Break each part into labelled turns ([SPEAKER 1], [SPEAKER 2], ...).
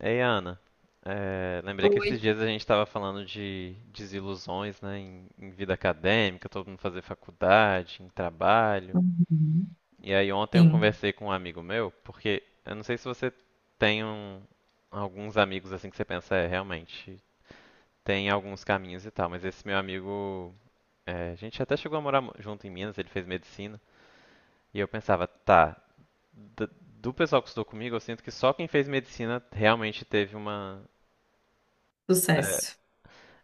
[SPEAKER 1] Ei, Ana, lembrei que esses
[SPEAKER 2] Oi.
[SPEAKER 1] dias a gente estava falando de desilusões, né, em vida acadêmica, todo mundo fazer faculdade, em trabalho.
[SPEAKER 2] Uhum.
[SPEAKER 1] E aí ontem eu
[SPEAKER 2] Sim,
[SPEAKER 1] conversei com um amigo meu, porque eu não sei se você tem um- alguns amigos assim que você pensa, é, realmente, tem alguns caminhos e tal, mas esse meu amigo, a gente até chegou a morar junto em Minas, ele fez medicina, e eu pensava, tá, d- do pessoal que estudou comigo, eu sinto que só quem fez medicina realmente teve uma. eh,
[SPEAKER 2] sucesso.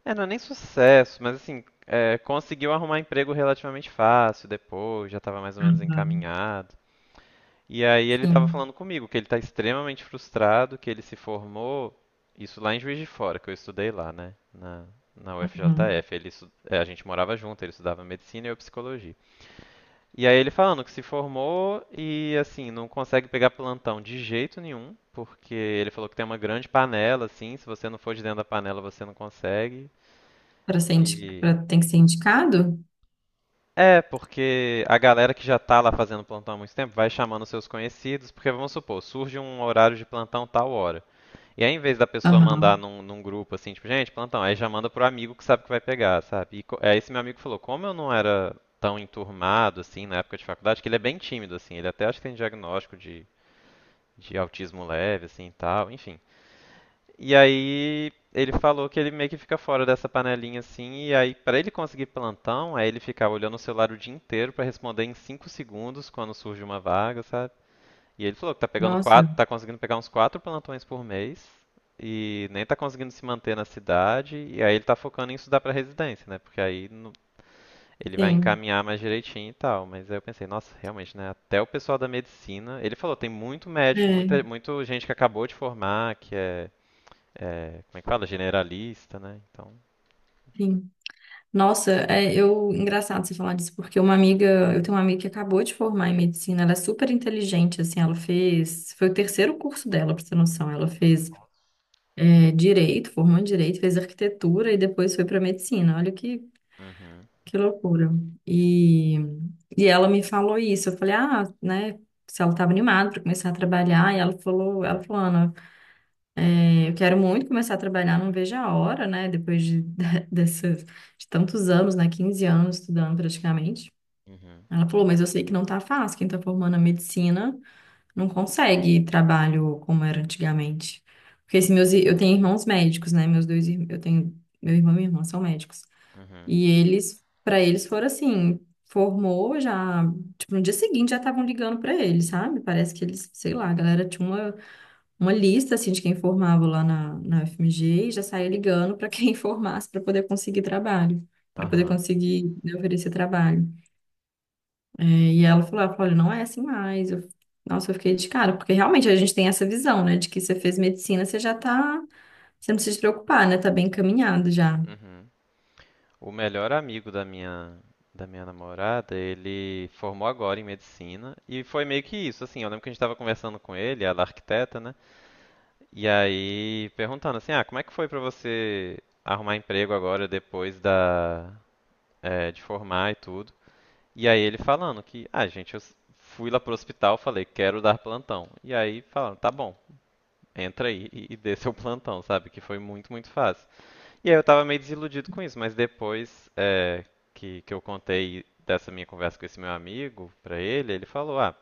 [SPEAKER 1] É, não é nem sucesso, mas assim, é, conseguiu arrumar emprego relativamente fácil depois, já estava mais ou menos
[SPEAKER 2] Uhum.
[SPEAKER 1] encaminhado. E aí ele estava
[SPEAKER 2] Sim.
[SPEAKER 1] falando comigo que ele está extremamente frustrado, que ele se formou, isso lá em Juiz de Fora, que eu estudei lá, né, na
[SPEAKER 2] Uhum.
[SPEAKER 1] UFJF. Ele, é, a gente morava junto, ele estudava medicina e eu psicologia. E aí ele falando que se formou e assim, não consegue pegar plantão de jeito nenhum, porque ele falou que tem uma grande panela, assim, se você não for de dentro da panela você não consegue.
[SPEAKER 2] Para ser indi...
[SPEAKER 1] E
[SPEAKER 2] pra... Tem que ser indicado?
[SPEAKER 1] É, porque a galera que já tá lá fazendo plantão há muito tempo vai chamando seus conhecidos, porque vamos supor, surge um horário de plantão tal hora. E aí, em vez da pessoa mandar
[SPEAKER 2] Aham.
[SPEAKER 1] num grupo assim, tipo, gente, plantão, aí já manda pro amigo que sabe que vai pegar, sabe? Aí esse meu amigo falou, como eu não era tão enturmado assim na época de faculdade, que ele é bem tímido assim, ele até acho que tem diagnóstico de autismo leve assim, e tal, enfim. E aí ele falou que ele meio que fica fora dessa panelinha assim, e aí pra ele conseguir plantão, aí ele ficava olhando o celular o dia inteiro pra responder em 5 segundos quando surge uma vaga, sabe? E ele falou que tá pegando
[SPEAKER 2] Nossa,
[SPEAKER 1] quatro, tá conseguindo pegar uns quatro plantões por mês e nem tá conseguindo se manter na cidade, e aí ele tá focando em estudar pra residência, né? Porque aí no- Ele vai
[SPEAKER 2] sim.
[SPEAKER 1] encaminhar mais direitinho e tal. Mas aí eu pensei, nossa, realmente, né? Até o pessoal da medicina, ele falou, tem muito médico,
[SPEAKER 2] É,
[SPEAKER 1] muito gente que acabou de formar, que é, como é que fala? Generalista, né? Então.
[SPEAKER 2] sim. Nossa, é, eu engraçado você falar disso, porque eu tenho uma amiga que acabou de formar em medicina, ela é super inteligente, assim, foi o terceiro curso dela, pra você ter noção, ela fez direito, formou em direito, fez arquitetura e depois foi para medicina. Olha
[SPEAKER 1] Uhum,
[SPEAKER 2] que loucura. E, e ela me falou isso. Eu falei, ah, né? Se ela estava animada para começar a trabalhar, e ela falou, Ana, eu quero muito começar a trabalhar, não vejo a hora, né? Depois de, dessas, de tantos anos, né? 15 anos estudando praticamente.
[SPEAKER 1] uhum,
[SPEAKER 2] Ela falou, mas eu sei que não tá fácil. Quem tá formando a medicina não consegue trabalho como era antigamente. Porque se meus, ir- eu tenho irmãos médicos, né? Meus dois, ir- eu tenho, meu irmão e minha irmã são médicos.
[SPEAKER 1] uhum,
[SPEAKER 2] E eles, para eles, foram assim, formou já, tipo, no dia seguinte já estavam ligando para eles, sabe? Parece que eles, sei lá, a galera tinha uma lista, assim, de quem formava lá na FMG e já saía ligando para quem formasse para poder conseguir trabalho, para poder
[SPEAKER 1] aham,
[SPEAKER 2] conseguir, né, oferecer trabalho. É, e ela falou, olha, não é assim mais. Nossa, eu fiquei de cara, porque realmente a gente tem essa visão, né, de que você fez medicina, você já tá, você não precisa se preocupar, né, tá bem encaminhado já.
[SPEAKER 1] uhum. O melhor amigo da minha namorada, ele formou agora em medicina e foi meio que isso, assim, eu lembro que a gente tava conversando com ele, ela é arquiteta, né? E aí perguntando assim, ah, como é que foi pra você arrumar emprego agora depois da é, de formar e tudo? E aí ele falando que, ah, gente, fui lá pro hospital, falei, quero dar plantão. E aí falando, tá bom, entra aí e dê seu plantão, sabe? Que foi muito, muito fácil. E aí eu tava meio desiludido com isso, mas depois é, que eu contei dessa minha conversa com esse meu amigo pra ele, ele falou: ah,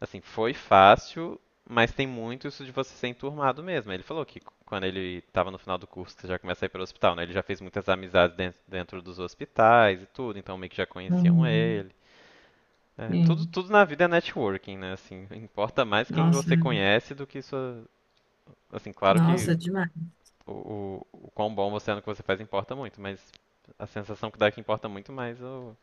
[SPEAKER 1] assim, foi fácil, mas tem muito isso de você ser enturmado mesmo. Ele falou que quando ele estava no final do curso, que você já começa a ir para o hospital, né? Ele já fez muitas amizades dentro dos hospitais e tudo, então meio que já conheciam
[SPEAKER 2] Uhum.
[SPEAKER 1] ele. É, tudo,
[SPEAKER 2] Sim.
[SPEAKER 1] tudo na vida é networking, né? Assim, importa mais quem
[SPEAKER 2] Nossa,
[SPEAKER 1] você
[SPEAKER 2] é.
[SPEAKER 1] conhece do que sua. Assim, claro que
[SPEAKER 2] Nossa, demais,
[SPEAKER 1] o quão bom você é no que você faz importa muito, mas a sensação que dá é que importa muito mais o,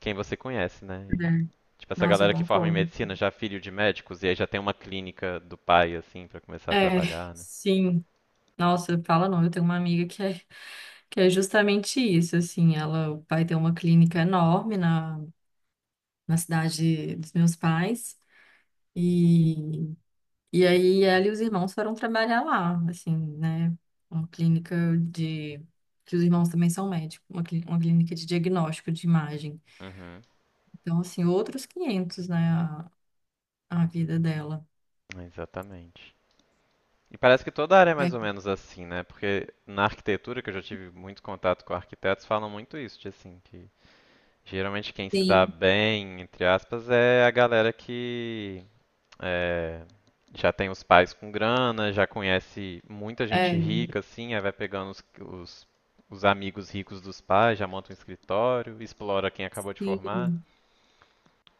[SPEAKER 1] quem você conhece, né? E,
[SPEAKER 2] né?
[SPEAKER 1] tipo, essa
[SPEAKER 2] Nossa, eu
[SPEAKER 1] galera que forma em
[SPEAKER 2] concordo.
[SPEAKER 1] medicina já é filho de médicos e aí já tem uma clínica do pai, assim, pra começar a
[SPEAKER 2] É,
[SPEAKER 1] trabalhar, né?
[SPEAKER 2] sim. Nossa, fala não, eu tenho uma amiga que é, que é, justamente isso, assim, ela vai ter uma clínica enorme na cidade dos meus pais, e, aí ela e os irmãos foram trabalhar lá, assim, né? Uma clínica de. Que os irmãos também são médicos, uma, clínica de diagnóstico de imagem.
[SPEAKER 1] Uhum,
[SPEAKER 2] Então, assim, outros 500, né, a, vida dela.
[SPEAKER 1] exatamente. E parece que toda área é
[SPEAKER 2] É,
[SPEAKER 1] mais ou menos assim, né? Porque na arquitetura, que eu já tive muito contato com arquitetos, falam muito isso, de assim, que geralmente quem se dá
[SPEAKER 2] sim.
[SPEAKER 1] bem, entre aspas, é a galera que é, já tem os pais com grana, já conhece muita gente
[SPEAKER 2] É,
[SPEAKER 1] rica, assim, aí vai pegando os amigos ricos dos pais, já monta um escritório, explora quem acabou de formar.
[SPEAKER 2] sim.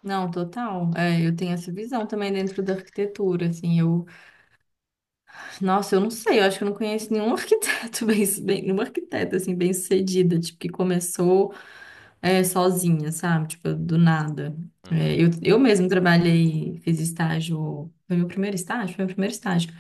[SPEAKER 2] Não, total. É, eu tenho essa visão também dentro da arquitetura, assim, eu. Nossa, eu não sei, eu acho que eu não conheço nenhum arquiteto bem, bem nenhuma arquiteta, assim, bem-sucedida, tipo, que começou sozinha, sabe? Tipo, do nada. É,
[SPEAKER 1] Uhum,
[SPEAKER 2] eu mesmo trabalhei, fiz estágio, foi meu primeiro estágio,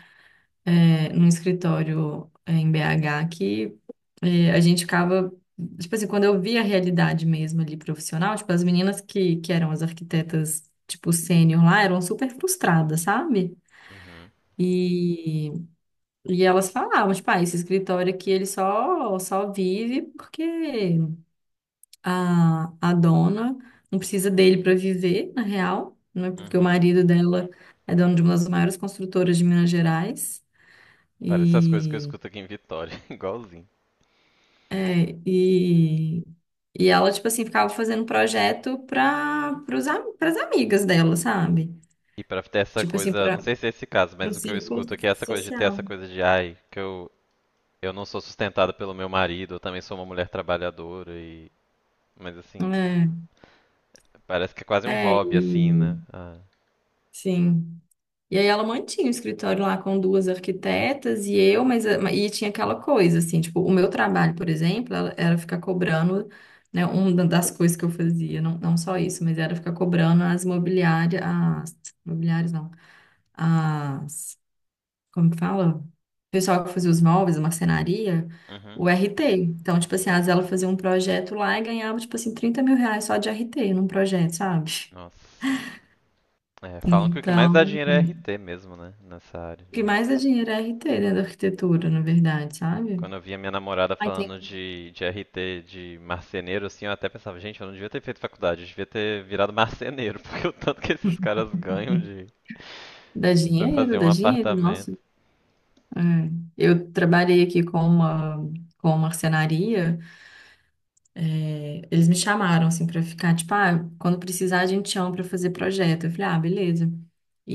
[SPEAKER 2] num escritório em BH que e a gente ficava, tipo assim, quando eu via a realidade mesmo ali profissional, tipo, as meninas que eram as arquitetas, tipo, sênior lá, eram super frustradas, sabe?
[SPEAKER 1] uhum,
[SPEAKER 2] E, e elas falavam, tipo, ah, esse escritório aqui, ele só vive porque a dona não precisa dele para viver, na real, né? Porque o
[SPEAKER 1] uhum.
[SPEAKER 2] marido dela é dono de uma das maiores construtoras de Minas Gerais.
[SPEAKER 1] Parece as coisas que eu
[SPEAKER 2] E,
[SPEAKER 1] escuto aqui em Vitória, igualzinho.
[SPEAKER 2] é, e E ela, tipo assim, ficava fazendo um projeto para as amigas dela, sabe?
[SPEAKER 1] E pra ter essa
[SPEAKER 2] Tipo assim,
[SPEAKER 1] coisa, não
[SPEAKER 2] para
[SPEAKER 1] sei se é esse caso,
[SPEAKER 2] o
[SPEAKER 1] mas o que eu
[SPEAKER 2] círculo
[SPEAKER 1] escuto aqui é essa coisa de ter essa
[SPEAKER 2] social.
[SPEAKER 1] coisa de, ai, eu não sou sustentada pelo meu marido, eu também sou uma mulher trabalhadora e. Mas assim, parece que é quase um
[SPEAKER 2] É, é,
[SPEAKER 1] hobby, assim, né?
[SPEAKER 2] e
[SPEAKER 1] Ah.
[SPEAKER 2] sim. E aí ela mantinha o escritório lá com duas arquitetas e eu, mas e tinha aquela coisa, assim, tipo, o meu trabalho, por exemplo, era ficar cobrando, né, uma das coisas que eu fazia, não, não só isso, mas era ficar cobrando as imobiliárias não, como que fala? O pessoal que fazia os móveis, a marcenaria,
[SPEAKER 1] Uhum,
[SPEAKER 2] o RT. Então, tipo assim, às vezes ela fazia um projeto lá e ganhava, tipo assim, 30 mil reais só de RT num projeto, sabe?
[SPEAKER 1] nossa. É, falam que o que mais dá
[SPEAKER 2] Então,
[SPEAKER 1] dinheiro é
[SPEAKER 2] o
[SPEAKER 1] RT mesmo, né? Nessa área
[SPEAKER 2] que
[SPEAKER 1] de.
[SPEAKER 2] mais dá dinheiro é RT, né, da arquitetura, na verdade, sabe?
[SPEAKER 1] Quando eu via minha namorada
[SPEAKER 2] Ai, tem.
[SPEAKER 1] falando de RT de marceneiro, assim, eu até pensava, gente, eu não devia ter feito faculdade, eu devia ter virado marceneiro, porque o tanto que esses caras ganham de pra fazer um
[SPEAKER 2] Dá dinheiro,
[SPEAKER 1] apartamento.
[SPEAKER 2] nossa. É. Eu trabalhei aqui com uma, marcenaria. Eles me chamaram, assim, pra ficar, tipo, ah, quando precisar a gente chama pra fazer projeto. Eu falei, ah, beleza.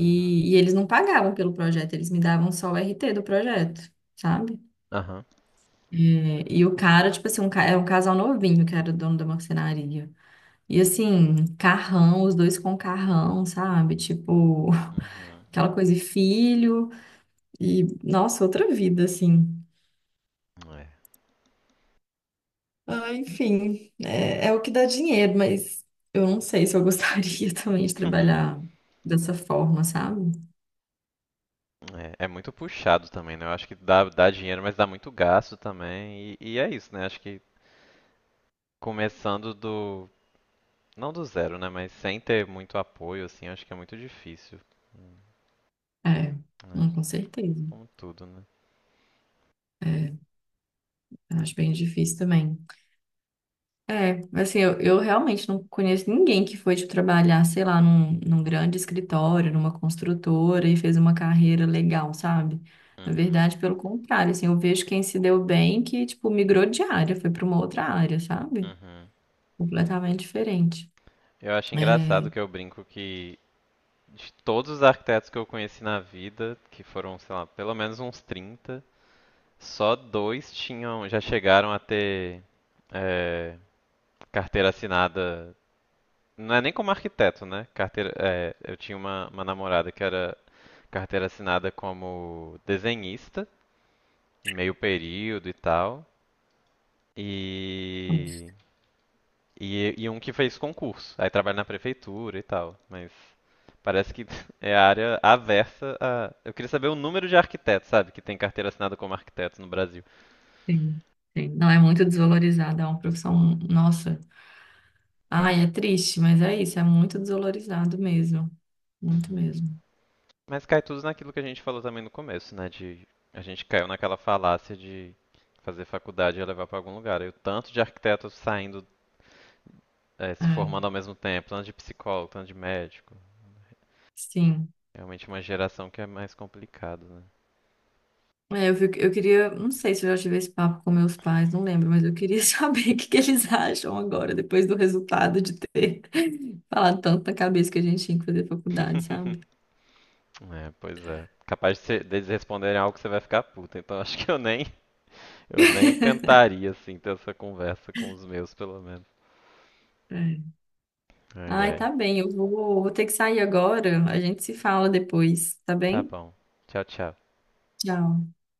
[SPEAKER 1] Uhum.
[SPEAKER 2] e eles não pagavam pelo projeto, eles me davam só o RT do projeto, sabe?
[SPEAKER 1] Aham.
[SPEAKER 2] É, e o cara, tipo assim, era um casal novinho que era dono da marcenaria. E assim, carrão, os dois com carrão, sabe? Tipo,
[SPEAKER 1] Uhum.
[SPEAKER 2] aquela coisa de filho. E, nossa, outra vida, assim.
[SPEAKER 1] É.
[SPEAKER 2] Ah, enfim, é, é o que dá dinheiro, mas eu não sei se eu gostaria também de trabalhar dessa forma, sabe?
[SPEAKER 1] É, é muito puxado também, né? Eu acho que dá dinheiro, mas dá muito gasto também. E é isso, né? Acho que começando do, não do zero, né? Mas sem ter muito apoio, assim, acho que é muito difícil. Hum,
[SPEAKER 2] É,
[SPEAKER 1] É,
[SPEAKER 2] não, com certeza.
[SPEAKER 1] como tudo, né?
[SPEAKER 2] É, eu acho bem difícil também. É, assim, eu realmente não conheço ninguém que foi de trabalhar, sei lá, num, grande escritório, numa construtora e fez uma carreira legal, sabe? Na
[SPEAKER 1] Uhum,
[SPEAKER 2] verdade, pelo contrário, assim, eu vejo quem se deu bem que, tipo, migrou de área, foi para uma outra área, sabe?
[SPEAKER 1] uhum.
[SPEAKER 2] Completamente diferente.
[SPEAKER 1] Eu acho
[SPEAKER 2] É,
[SPEAKER 1] engraçado que eu brinco que de todos os arquitetos que eu conheci na vida, que foram, sei lá, pelo menos uns trinta, só dois tinham, já chegaram a ter é, carteira assinada. Não é nem como arquiteto, né? Carteira, é, eu tinha uma namorada que era carteira assinada como desenhista, em meio período e tal. E, e um que fez concurso. Aí trabalha na prefeitura e tal. Mas parece que é a área aversa a. Eu queria saber o número de arquitetos, sabe? Que tem carteira assinada como arquitetos no Brasil.
[SPEAKER 2] sim, sim. Não é muito desvalorizado, é uma profissão, nossa. Ai, é triste, mas é isso, é muito desvalorizado mesmo. Muito
[SPEAKER 1] Uhum.
[SPEAKER 2] mesmo.
[SPEAKER 1] Mas cai tudo naquilo que a gente falou também no começo, né? De a gente caiu naquela falácia de fazer faculdade e levar para algum lugar. E o tanto de arquitetos saindo, se
[SPEAKER 2] É,
[SPEAKER 1] formando ao mesmo tempo, tanto de psicólogo, tanto de médico.
[SPEAKER 2] sim.
[SPEAKER 1] Realmente uma geração que é mais complicado, né?
[SPEAKER 2] É, eu queria, não sei se eu já tive esse papo com meus pais, não lembro, mas eu queria saber o que que eles acham agora, depois do resultado de ter falado tanto na cabeça que a gente tinha que fazer faculdade, sabe?
[SPEAKER 1] É, pois é. Capaz de deles responderem algo que você vai ficar puta. Então acho que eu nem tentaria, assim, ter essa conversa com os meus, pelo menos.
[SPEAKER 2] É.
[SPEAKER 1] Ai,
[SPEAKER 2] Ai,
[SPEAKER 1] ai.
[SPEAKER 2] tá bem, eu vou ter que sair agora, a gente se fala depois, tá
[SPEAKER 1] Tá
[SPEAKER 2] bem?
[SPEAKER 1] bom. Tchau, tchau.
[SPEAKER 2] Tchau.